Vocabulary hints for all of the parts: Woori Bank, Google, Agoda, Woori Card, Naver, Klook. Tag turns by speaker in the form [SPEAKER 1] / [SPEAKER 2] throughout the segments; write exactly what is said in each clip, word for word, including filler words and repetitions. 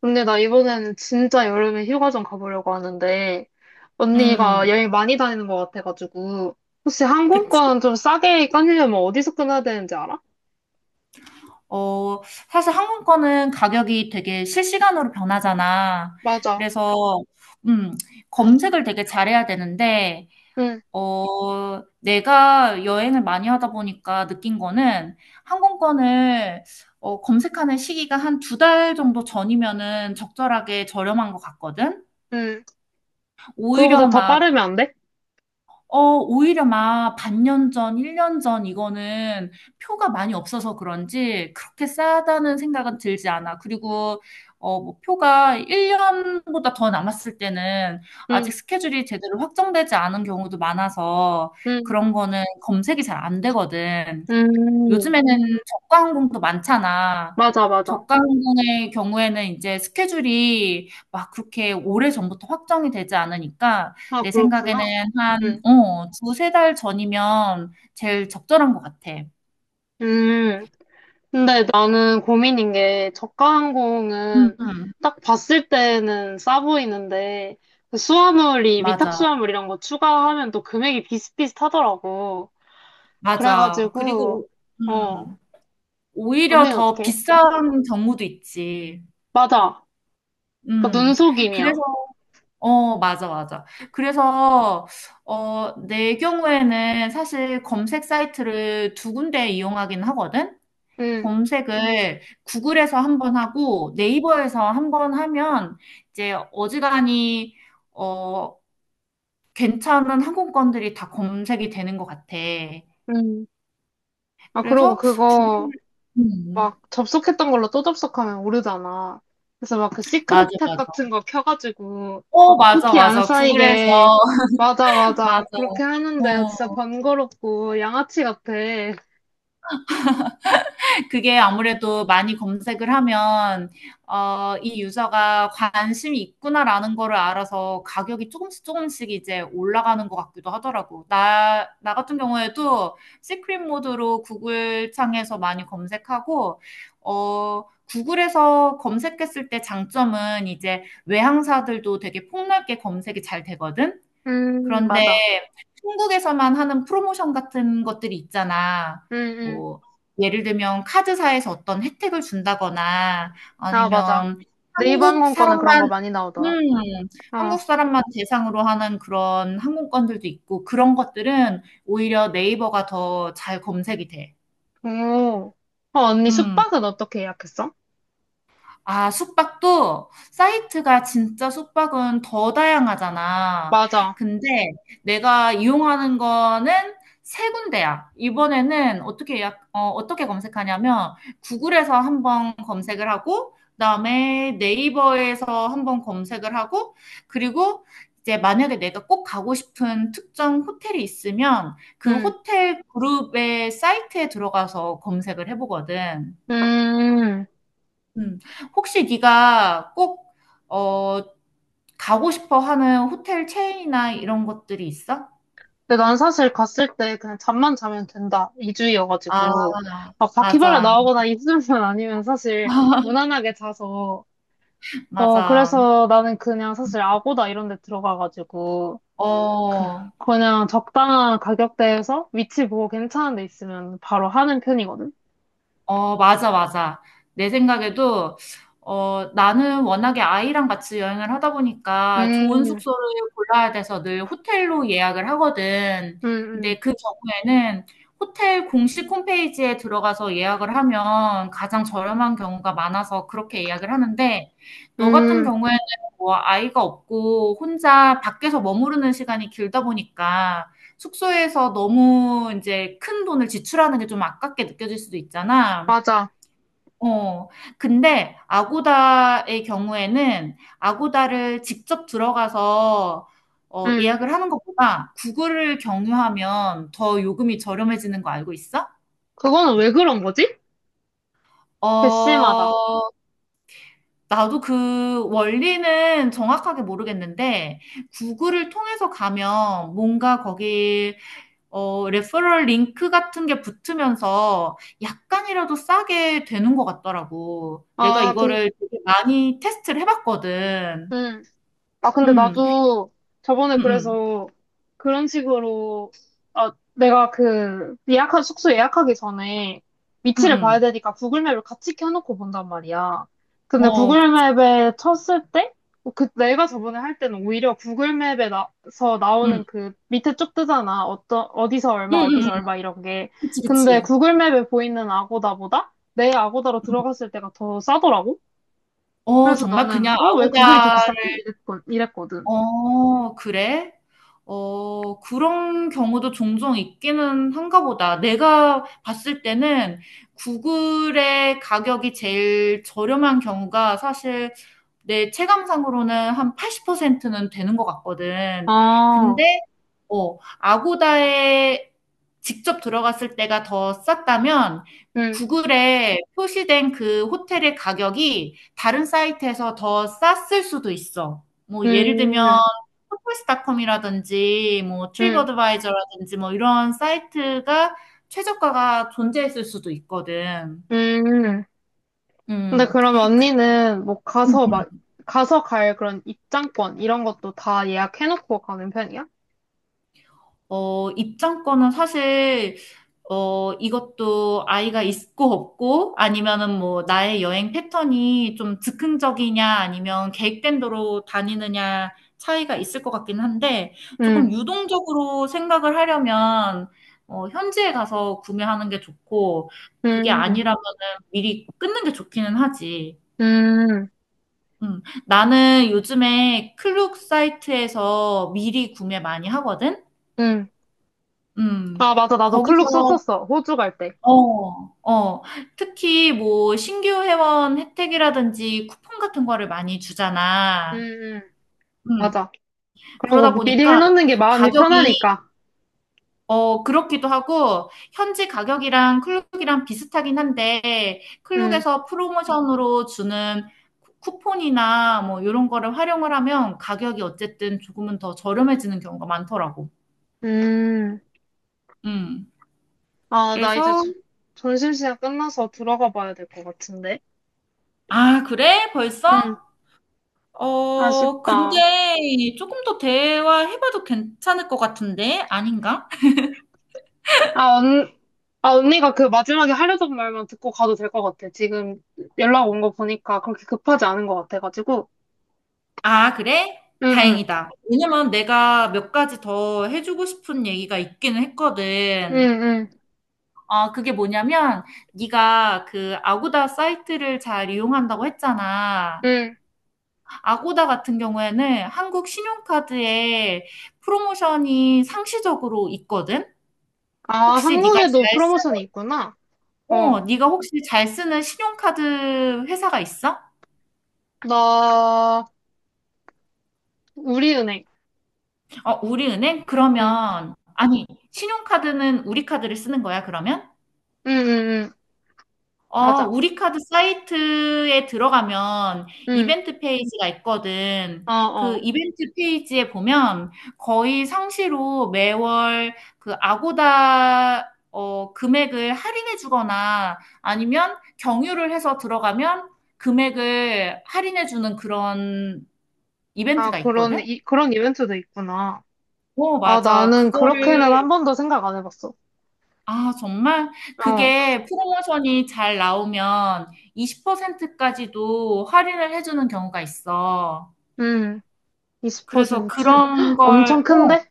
[SPEAKER 1] 근데 나 이번에는 진짜 여름에 휴가 좀 가보려고 하는데, 언니가
[SPEAKER 2] 음,
[SPEAKER 1] 여행 많이 다니는 것 같아가지고, 혹시
[SPEAKER 2] 그치.
[SPEAKER 1] 항공권 좀 싸게 끊으려면 어디서 끊어야 되는지 알아?
[SPEAKER 2] 어, 사실 항공권은 가격이 되게 실시간으로 변하잖아.
[SPEAKER 1] 맞아.
[SPEAKER 2] 그래서, 음, 검색을 되게 잘해야 되는데,
[SPEAKER 1] 응,
[SPEAKER 2] 어, 내가 여행을 많이 하다 보니까 느낀 거는 항공권을 어, 검색하는 시기가 한 두 달 정도 전이면은 적절하게 저렴한 것 같거든?
[SPEAKER 1] 응. 그거보다
[SPEAKER 2] 오히려
[SPEAKER 1] 더
[SPEAKER 2] 막
[SPEAKER 1] 빠르면 안 돼?
[SPEAKER 2] 어, 오히려 막 반년 전, 일 년 전 이거는 표가 많이 없어서 그런지 그렇게 싸다는 생각은 들지 않아. 그리고 어, 뭐 표가 일 년보다 더 남았을 때는 아직
[SPEAKER 1] 응,
[SPEAKER 2] 스케줄이 제대로 확정되지 않은 경우도 많아서
[SPEAKER 1] 응,
[SPEAKER 2] 그런 거는 검색이 잘 안 되거든.
[SPEAKER 1] 음.
[SPEAKER 2] 요즘에는 저가 항공도 많잖아.
[SPEAKER 1] 맞아, 맞아.
[SPEAKER 2] 저가 항공의 경우에는 이제 스케줄이 막 그렇게 오래전부터 확정이 되지 않으니까
[SPEAKER 1] 아,
[SPEAKER 2] 내 생각에는
[SPEAKER 1] 그렇구나.
[SPEAKER 2] 한,
[SPEAKER 1] 응,
[SPEAKER 2] 어, 두세 달 전이면 제일 적절한 것 같아.
[SPEAKER 1] 음. 근데 나는 고민인 게 저가
[SPEAKER 2] 음,
[SPEAKER 1] 항공은
[SPEAKER 2] 음,
[SPEAKER 1] 딱 봤을 때는 싸 보이는데 그 수화물이 위탁
[SPEAKER 2] 맞아,
[SPEAKER 1] 수화물 이런 거 추가하면 또 금액이 비슷비슷하더라고.
[SPEAKER 2] 맞아.
[SPEAKER 1] 그래가지고
[SPEAKER 2] 그리고, 오-
[SPEAKER 1] 어
[SPEAKER 2] 음, 오히려
[SPEAKER 1] 언니는
[SPEAKER 2] 더
[SPEAKER 1] 어떻게?
[SPEAKER 2] 비싼 경우도 있지.
[SPEAKER 1] 맞아. 그러니까
[SPEAKER 2] 음, 그래서
[SPEAKER 1] 눈속임이야.
[SPEAKER 2] 어, 맞아, 맞아. 그래서, 어, 내 경우에는 사실 검색 사이트를 두 군데 이용하긴 하거든?
[SPEAKER 1] 응.
[SPEAKER 2] 검색을 구글에서 한번 하고 네이버에서 한번 하면 이제 어지간히, 어, 괜찮은 항공권들이 다 검색이 되는 것 같아.
[SPEAKER 1] 응. 아 그러고
[SPEAKER 2] 그래서,
[SPEAKER 1] 그거
[SPEAKER 2] 음,
[SPEAKER 1] 막 접속했던 걸로 또 접속하면 오르잖아. 그래서 막 그
[SPEAKER 2] 맞아,
[SPEAKER 1] 시크릿 탭
[SPEAKER 2] 맞아.
[SPEAKER 1] 같은 거 켜가지고
[SPEAKER 2] 어, 맞아,
[SPEAKER 1] 쿠키 안
[SPEAKER 2] 맞아. 구글에서,
[SPEAKER 1] 쌓이게 맞아
[SPEAKER 2] 맞아.
[SPEAKER 1] 맞아 그렇게 하는데 진짜
[SPEAKER 2] 어.
[SPEAKER 1] 번거롭고 양아치 같아.
[SPEAKER 2] 그게 아무래도 많이 검색을 하면 어, 이 유저가 관심이 있구나라는 거를 알아서 가격이 조금씩 조금씩 이제 올라가는 것 같기도 하더라고. 나, 나 같은 경우에도 시크릿 모드로 구글 창에서 많이 검색하고, 어, 구글에서 검색했을 때 장점은 이제 외항사들도 되게 폭넓게 검색이 잘 되거든?
[SPEAKER 1] 음
[SPEAKER 2] 그런데
[SPEAKER 1] 맞아.
[SPEAKER 2] 한국에서만 하는 프로모션 같은 것들이 있잖아.
[SPEAKER 1] 응응
[SPEAKER 2] 뭐 예를 들면 카드사에서 어떤 혜택을 준다거나
[SPEAKER 1] 아 맞아.
[SPEAKER 2] 아니면
[SPEAKER 1] 네이버
[SPEAKER 2] 한국
[SPEAKER 1] 항공권은 그런 거
[SPEAKER 2] 사람만
[SPEAKER 1] 많이 나오더라.
[SPEAKER 2] 음
[SPEAKER 1] 어.
[SPEAKER 2] 한국 사람만 대상으로 하는 그런 항공권들도 있고 그런 것들은 오히려 네이버가 더 잘 검색이 돼.
[SPEAKER 1] 오. 어 언니
[SPEAKER 2] 음.
[SPEAKER 1] 숙박은 어떻게 예약했어?
[SPEAKER 2] 아, 숙박도 사이트가 진짜 숙박은 더 다양하잖아.
[SPEAKER 1] 맞아.
[SPEAKER 2] 근데 내가 이용하는 거는 세 군데야. 이번에는 어떻게 예약, 어, 어떻게 검색하냐면 구글에서 한번 검색을 하고, 그다음에 네이버에서 한번 검색을 하고, 그리고 이제 만약에 내가 꼭 가고 싶은 특정 호텔이 있으면 그
[SPEAKER 1] 응.
[SPEAKER 2] 호텔 그룹의 사이트에 들어가서 검색을 해보거든.
[SPEAKER 1] 음.
[SPEAKER 2] 음. 혹시 네가 꼭, 어, 가고 싶어 하는 호텔 체인이나 이런 것들이 있어?
[SPEAKER 1] 근데 난 사실 갔을 때 그냥 잠만 자면 된다. 이주이여가지
[SPEAKER 2] 아,
[SPEAKER 1] 고 막 바퀴벌레
[SPEAKER 2] 맞아.
[SPEAKER 1] 나오거나 입술만 아니면 사실 무난하게 자서. 어,
[SPEAKER 2] 맞아.
[SPEAKER 1] 그래서 나는 그냥 사실 아고다 이런 데 들어가가지고. 그,
[SPEAKER 2] 어,
[SPEAKER 1] 그냥 적당한 가격대에서 위치 보고 괜찮은 데 있으면 바로 하는 편이거든.
[SPEAKER 2] 어, 맞아, 맞아. 내 생각에도, 어, 나는 워낙에 아이랑 같이 여행을 하다 보니까 좋은
[SPEAKER 1] 음,
[SPEAKER 2] 숙소를 골라야 돼서 늘 호텔로 예약을 하거든.
[SPEAKER 1] 음,
[SPEAKER 2] 근데 그 경우에는 호텔 공식 홈페이지에 들어가서 예약을 하면 가장 저렴한 경우가 많아서 그렇게 예약을 하는데, 너 같은
[SPEAKER 1] 음, 음,
[SPEAKER 2] 경우에는 뭐 아이가 없고 혼자 밖에서 머무르는 시간이 길다 보니까 숙소에서 너무 이제 큰 돈을 지출하는 게 좀 아깝게 느껴질 수도 있잖아.
[SPEAKER 1] 맞아.
[SPEAKER 2] 어. 근데 아고다의 경우에는 아고다를 직접 들어가서 어
[SPEAKER 1] 음.
[SPEAKER 2] 예약을 하는 것보다 구글을 경유하면 더 요금이 저렴해지는 거 알고 있어?
[SPEAKER 1] 그거는 왜 그런 거지? 개씨마다.
[SPEAKER 2] 어. 나도 그 원리는 정확하게 모르겠는데 구글을 통해서 가면 뭔가 거기 어, 레퍼럴 링크 같은 게 붙으면서 약간이라도 싸게 되는 것 같더라고. 내가
[SPEAKER 1] 아, 근,
[SPEAKER 2] 이거를 되게 많이 테스트를 해봤거든.
[SPEAKER 1] 아, 근데
[SPEAKER 2] 응,
[SPEAKER 1] 나도 저번에
[SPEAKER 2] 응, 응,
[SPEAKER 1] 그래서 그런 식으로, 아, 내가 그 예약한, 숙소 예약하기 전에
[SPEAKER 2] 응,
[SPEAKER 1] 위치를 봐야
[SPEAKER 2] 응.
[SPEAKER 1] 되니까 구글맵을 같이 켜놓고 본단 말이야. 근데
[SPEAKER 2] 어, 그치.
[SPEAKER 1] 구글맵에 쳤을 때, 어, 그 내가 저번에 할 때는 오히려 구글맵에서
[SPEAKER 2] 응,
[SPEAKER 1] 나오는 그 밑에 쭉 뜨잖아. 어떤, 어디서
[SPEAKER 2] 응,
[SPEAKER 1] 얼마,
[SPEAKER 2] 응, 응.
[SPEAKER 1] 어디서 얼마 이런 게.
[SPEAKER 2] 그치,
[SPEAKER 1] 근데
[SPEAKER 2] 그치.
[SPEAKER 1] 구글맵에 보이는 아고다보다 내 아고다로
[SPEAKER 2] 응.
[SPEAKER 1] 들어갔을 때가 더 싸더라고.
[SPEAKER 2] 어,
[SPEAKER 1] 그래서
[SPEAKER 2] 정말
[SPEAKER 1] 나는,
[SPEAKER 2] 그냥
[SPEAKER 1] 어, 왜 구글이 더
[SPEAKER 2] 아고다를,
[SPEAKER 1] 비싸지? 이랬 이랬거든.
[SPEAKER 2] 어, 그래? 어, 그런 경우도 종종 있기는 한가 보다. 내가 봤을 때는 구글의 가격이 제일 저렴한 경우가 사실 내 체감상으로는 한 팔십 퍼센트는 되는 것 같거든.
[SPEAKER 1] 아,
[SPEAKER 2] 근데 어, 아고다에 직접 들어갔을 때가 더 쌌다면
[SPEAKER 1] 음,
[SPEAKER 2] 구글에 표시된 그 호텔의 가격이 다른 사이트에서 더 쌌을 수도 있어. 뭐 예를 들면
[SPEAKER 1] 음,
[SPEAKER 2] 호텔스닷컴이라든지 뭐
[SPEAKER 1] 음,
[SPEAKER 2] 트립어드바이저라든지 뭐 이런 사이트가 최저가가 존재했을 수도 있거든.
[SPEAKER 1] 음. 근데
[SPEAKER 2] 음.
[SPEAKER 1] 그럼
[SPEAKER 2] 그-
[SPEAKER 1] 언니는 뭐 가서 막, 가서 갈 그런 입장권 이런 것도 다 예약해놓고 가는 편이야?
[SPEAKER 2] 어, 입장권은 사실 어, 이것도 아이가 있고 없고 아니면은 뭐 나의 여행 패턴이 좀 즉흥적이냐 아니면 계획된 대로 다니느냐 차이가 있을 것 같긴 한데
[SPEAKER 1] 음,
[SPEAKER 2] 조금 유동적으로 생각을 하려면 어, 현지에 가서 구매하는 게 좋고 그게
[SPEAKER 1] 음,
[SPEAKER 2] 아니라면은 미리 끊는 게 좋기는 하지.
[SPEAKER 1] 음,
[SPEAKER 2] 음, 나는 요즘에 클룩 사이트에서 미리 구매 많이 하거든.
[SPEAKER 1] 음.
[SPEAKER 2] 음,
[SPEAKER 1] 아, 맞아. 나도 클룩
[SPEAKER 2] 거기서
[SPEAKER 1] 썼었어. 호주 갈 때.
[SPEAKER 2] 어, 어. 특히 뭐 신규 회원 혜택이라든지 쿠폰 같은 거를 많이
[SPEAKER 1] 음,
[SPEAKER 2] 주잖아.
[SPEAKER 1] 음,
[SPEAKER 2] 음.
[SPEAKER 1] 맞아. 그리고
[SPEAKER 2] 그러다
[SPEAKER 1] 미리
[SPEAKER 2] 보니까
[SPEAKER 1] 해놓는 게 마음이
[SPEAKER 2] 가격이
[SPEAKER 1] 편하니까.
[SPEAKER 2] 어 그렇기도 하고 현지 가격이랑 클룩이랑 비슷하긴 한데
[SPEAKER 1] 음,
[SPEAKER 2] 클룩에서 프로모션으로 주는 쿠- 쿠폰이나 뭐 이런 거를 활용을 하면 가격이 어쨌든 조금은 더 저렴해지는 경우가 많더라고.
[SPEAKER 1] 음.
[SPEAKER 2] 음.
[SPEAKER 1] 아, 나 이제
[SPEAKER 2] 그래서
[SPEAKER 1] 저- 점심시간 끝나서 들어가 봐야 될 것 같은데.
[SPEAKER 2] 아, 그래? 벌써?
[SPEAKER 1] 응,
[SPEAKER 2] 어, 근데
[SPEAKER 1] 아쉽다.
[SPEAKER 2] 조금 더 대화해봐도 괜찮을 것 같은데? 아닌가?
[SPEAKER 1] 아, 언, 아, 언니가 그 마지막에 하려던 말만 듣고 가도 될 것 같아. 지금 연락 온 거 보니까 그렇게 급하지 않은 것 같아가지고.
[SPEAKER 2] 아, 그래?
[SPEAKER 1] 응, 응,
[SPEAKER 2] 다행이다. 왜냐면 내가 몇 가지 더 해주고 싶은 얘기가 있기는
[SPEAKER 1] 응,
[SPEAKER 2] 했거든.
[SPEAKER 1] 응,
[SPEAKER 2] 어 그게 뭐냐면, 네가 그 아고다 사이트를 잘 이용한다고 했잖아.
[SPEAKER 1] 응.
[SPEAKER 2] 아고다 같은 경우에는 한국 신용카드에 프로모션이 상시적으로 있거든?
[SPEAKER 1] 아,
[SPEAKER 2] 혹시 네가
[SPEAKER 1] 한국에도
[SPEAKER 2] 잘 쓰,
[SPEAKER 1] 프로모션이 있구나. 어,
[SPEAKER 2] 어, 네가 혹시 잘 쓰는 신용카드 회사가 있어?
[SPEAKER 1] 나, 우리은행.
[SPEAKER 2] 어, 우리은행?
[SPEAKER 1] 응,
[SPEAKER 2] 그러면, 아니, 신용카드는 우리 카드를 쓰는 거야, 그러면?
[SPEAKER 1] 응, 응, 응.
[SPEAKER 2] 어,
[SPEAKER 1] 맞아.
[SPEAKER 2] 우리 카드 사이트에 들어가면
[SPEAKER 1] 응,
[SPEAKER 2] 이벤트 페이지가 있거든.
[SPEAKER 1] 어,
[SPEAKER 2] 그
[SPEAKER 1] 어.
[SPEAKER 2] 이벤트 페이지에 보면 거의 상시로 매월 그 아고다, 어, 금액을 할인해 주거나 아니면 경유를 해서 들어가면 금액을 할인해 주는 그런
[SPEAKER 1] 아,
[SPEAKER 2] 이벤트가
[SPEAKER 1] 그런,
[SPEAKER 2] 있거든?
[SPEAKER 1] 이, 그런 이벤트도 있구나.
[SPEAKER 2] 어,
[SPEAKER 1] 아,
[SPEAKER 2] 맞아.
[SPEAKER 1] 나는
[SPEAKER 2] 그거를
[SPEAKER 1] 그렇게는 한 번도 생각 안 해봤어.
[SPEAKER 2] 아, 정말?
[SPEAKER 1] 어,
[SPEAKER 2] 그게 프로모션이 잘 나오면 이십 퍼센트까지도 할인을 해주는 경우가 있어.
[SPEAKER 1] 음,
[SPEAKER 2] 그래서
[SPEAKER 1] 이십 퍼센트?
[SPEAKER 2] 그런
[SPEAKER 1] 엄청
[SPEAKER 2] 걸, 어,
[SPEAKER 1] 큰데?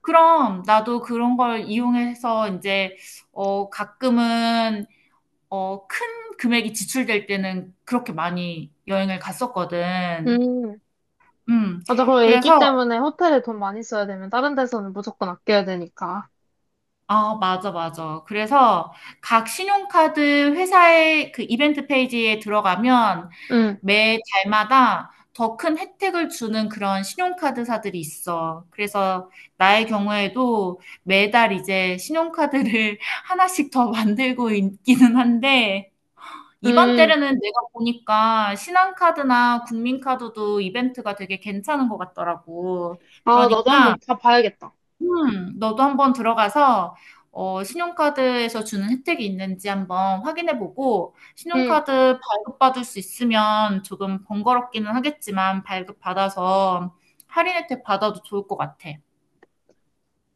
[SPEAKER 2] 그럼 나도 그런 걸 이용해서 이제, 어, 가끔은, 어, 큰 금액이 지출될 때는 그렇게 많이 여행을 갔었거든.
[SPEAKER 1] 음.
[SPEAKER 2] 음,
[SPEAKER 1] 맞아, 그리고 애기
[SPEAKER 2] 그래서,
[SPEAKER 1] 때문에 호텔에 돈 많이 써야 되면 다른 데서는 무조건 아껴야 되니까.
[SPEAKER 2] 아, 맞아, 맞아. 그래서 각 신용카드 회사의 그 이벤트 페이지에 들어가면
[SPEAKER 1] 응,
[SPEAKER 2] 매 달마다 더 큰 혜택을 주는 그런 신용카드사들이 있어. 그래서 나의 경우에도 매달 이제 신용카드를 하나씩 더 만들고 있기는 한데, 이번
[SPEAKER 1] 응.
[SPEAKER 2] 때는 내가 보니까 신한카드나 국민카드도 이벤트가 되게 괜찮은 것 같더라고.
[SPEAKER 1] 아, 나도 한번
[SPEAKER 2] 그러니까
[SPEAKER 1] 가봐야겠다.
[SPEAKER 2] 음, 너도 한번 들어가서 어, 신용카드에서 주는 혜택이 있는지 한번 확인해보고
[SPEAKER 1] 응,
[SPEAKER 2] 신용카드 발급받을 수 있으면 조금 번거롭기는 하겠지만 발급받아서 할인 혜택 받아도 좋을 것 같아.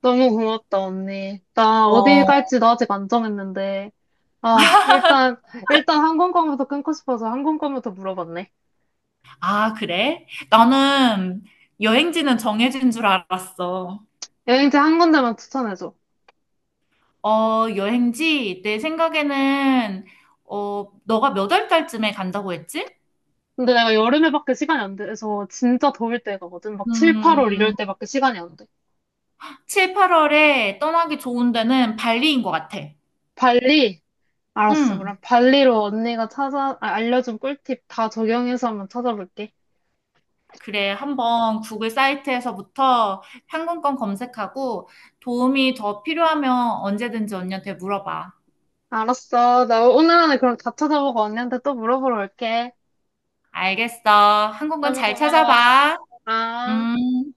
[SPEAKER 1] 너무 고맙다, 언니. 나 어디
[SPEAKER 2] 어,
[SPEAKER 1] 갈지 나 아직 안 정했는데. 아, 일단, 일단 항공권부터 끊고 싶어서 항공권부터 물어봤네.
[SPEAKER 2] 아, 그래? 나는 여행지는 정해진 줄 알았어.
[SPEAKER 1] 여행지 한 군데만 추천해줘.
[SPEAKER 2] 어, 여행지 내 생각에는 어, 너가 몇 월 달쯤에 간다고 했지?
[SPEAKER 1] 근데 내가 여름에밖에 시간이 안 돼서 진짜 더울 때 가거든. 막 칠,
[SPEAKER 2] 음,
[SPEAKER 1] 팔월 이럴 때밖에 시간이 안 돼.
[SPEAKER 2] 칠, 팔월에 떠나기 좋은 데는 발리인 것 같아.
[SPEAKER 1] 발리? 알았어.
[SPEAKER 2] 음
[SPEAKER 1] 그럼 발리로 언니가 찾아, 아, 알려준 꿀팁 다 적용해서 한번 찾아볼게.
[SPEAKER 2] 그래, 한번 구글 사이트에서부터 항공권 검색하고 도움이 더 필요하면 언제든지 언니한테 물어봐.
[SPEAKER 1] 알았어. 나 오늘 안에 그럼 다 찾아보고 언니한테 또 물어보러 올게.
[SPEAKER 2] 알겠어. 항공권
[SPEAKER 1] 너무
[SPEAKER 2] 잘
[SPEAKER 1] 고마워.
[SPEAKER 2] 찾아봐.
[SPEAKER 1] 아.
[SPEAKER 2] 음.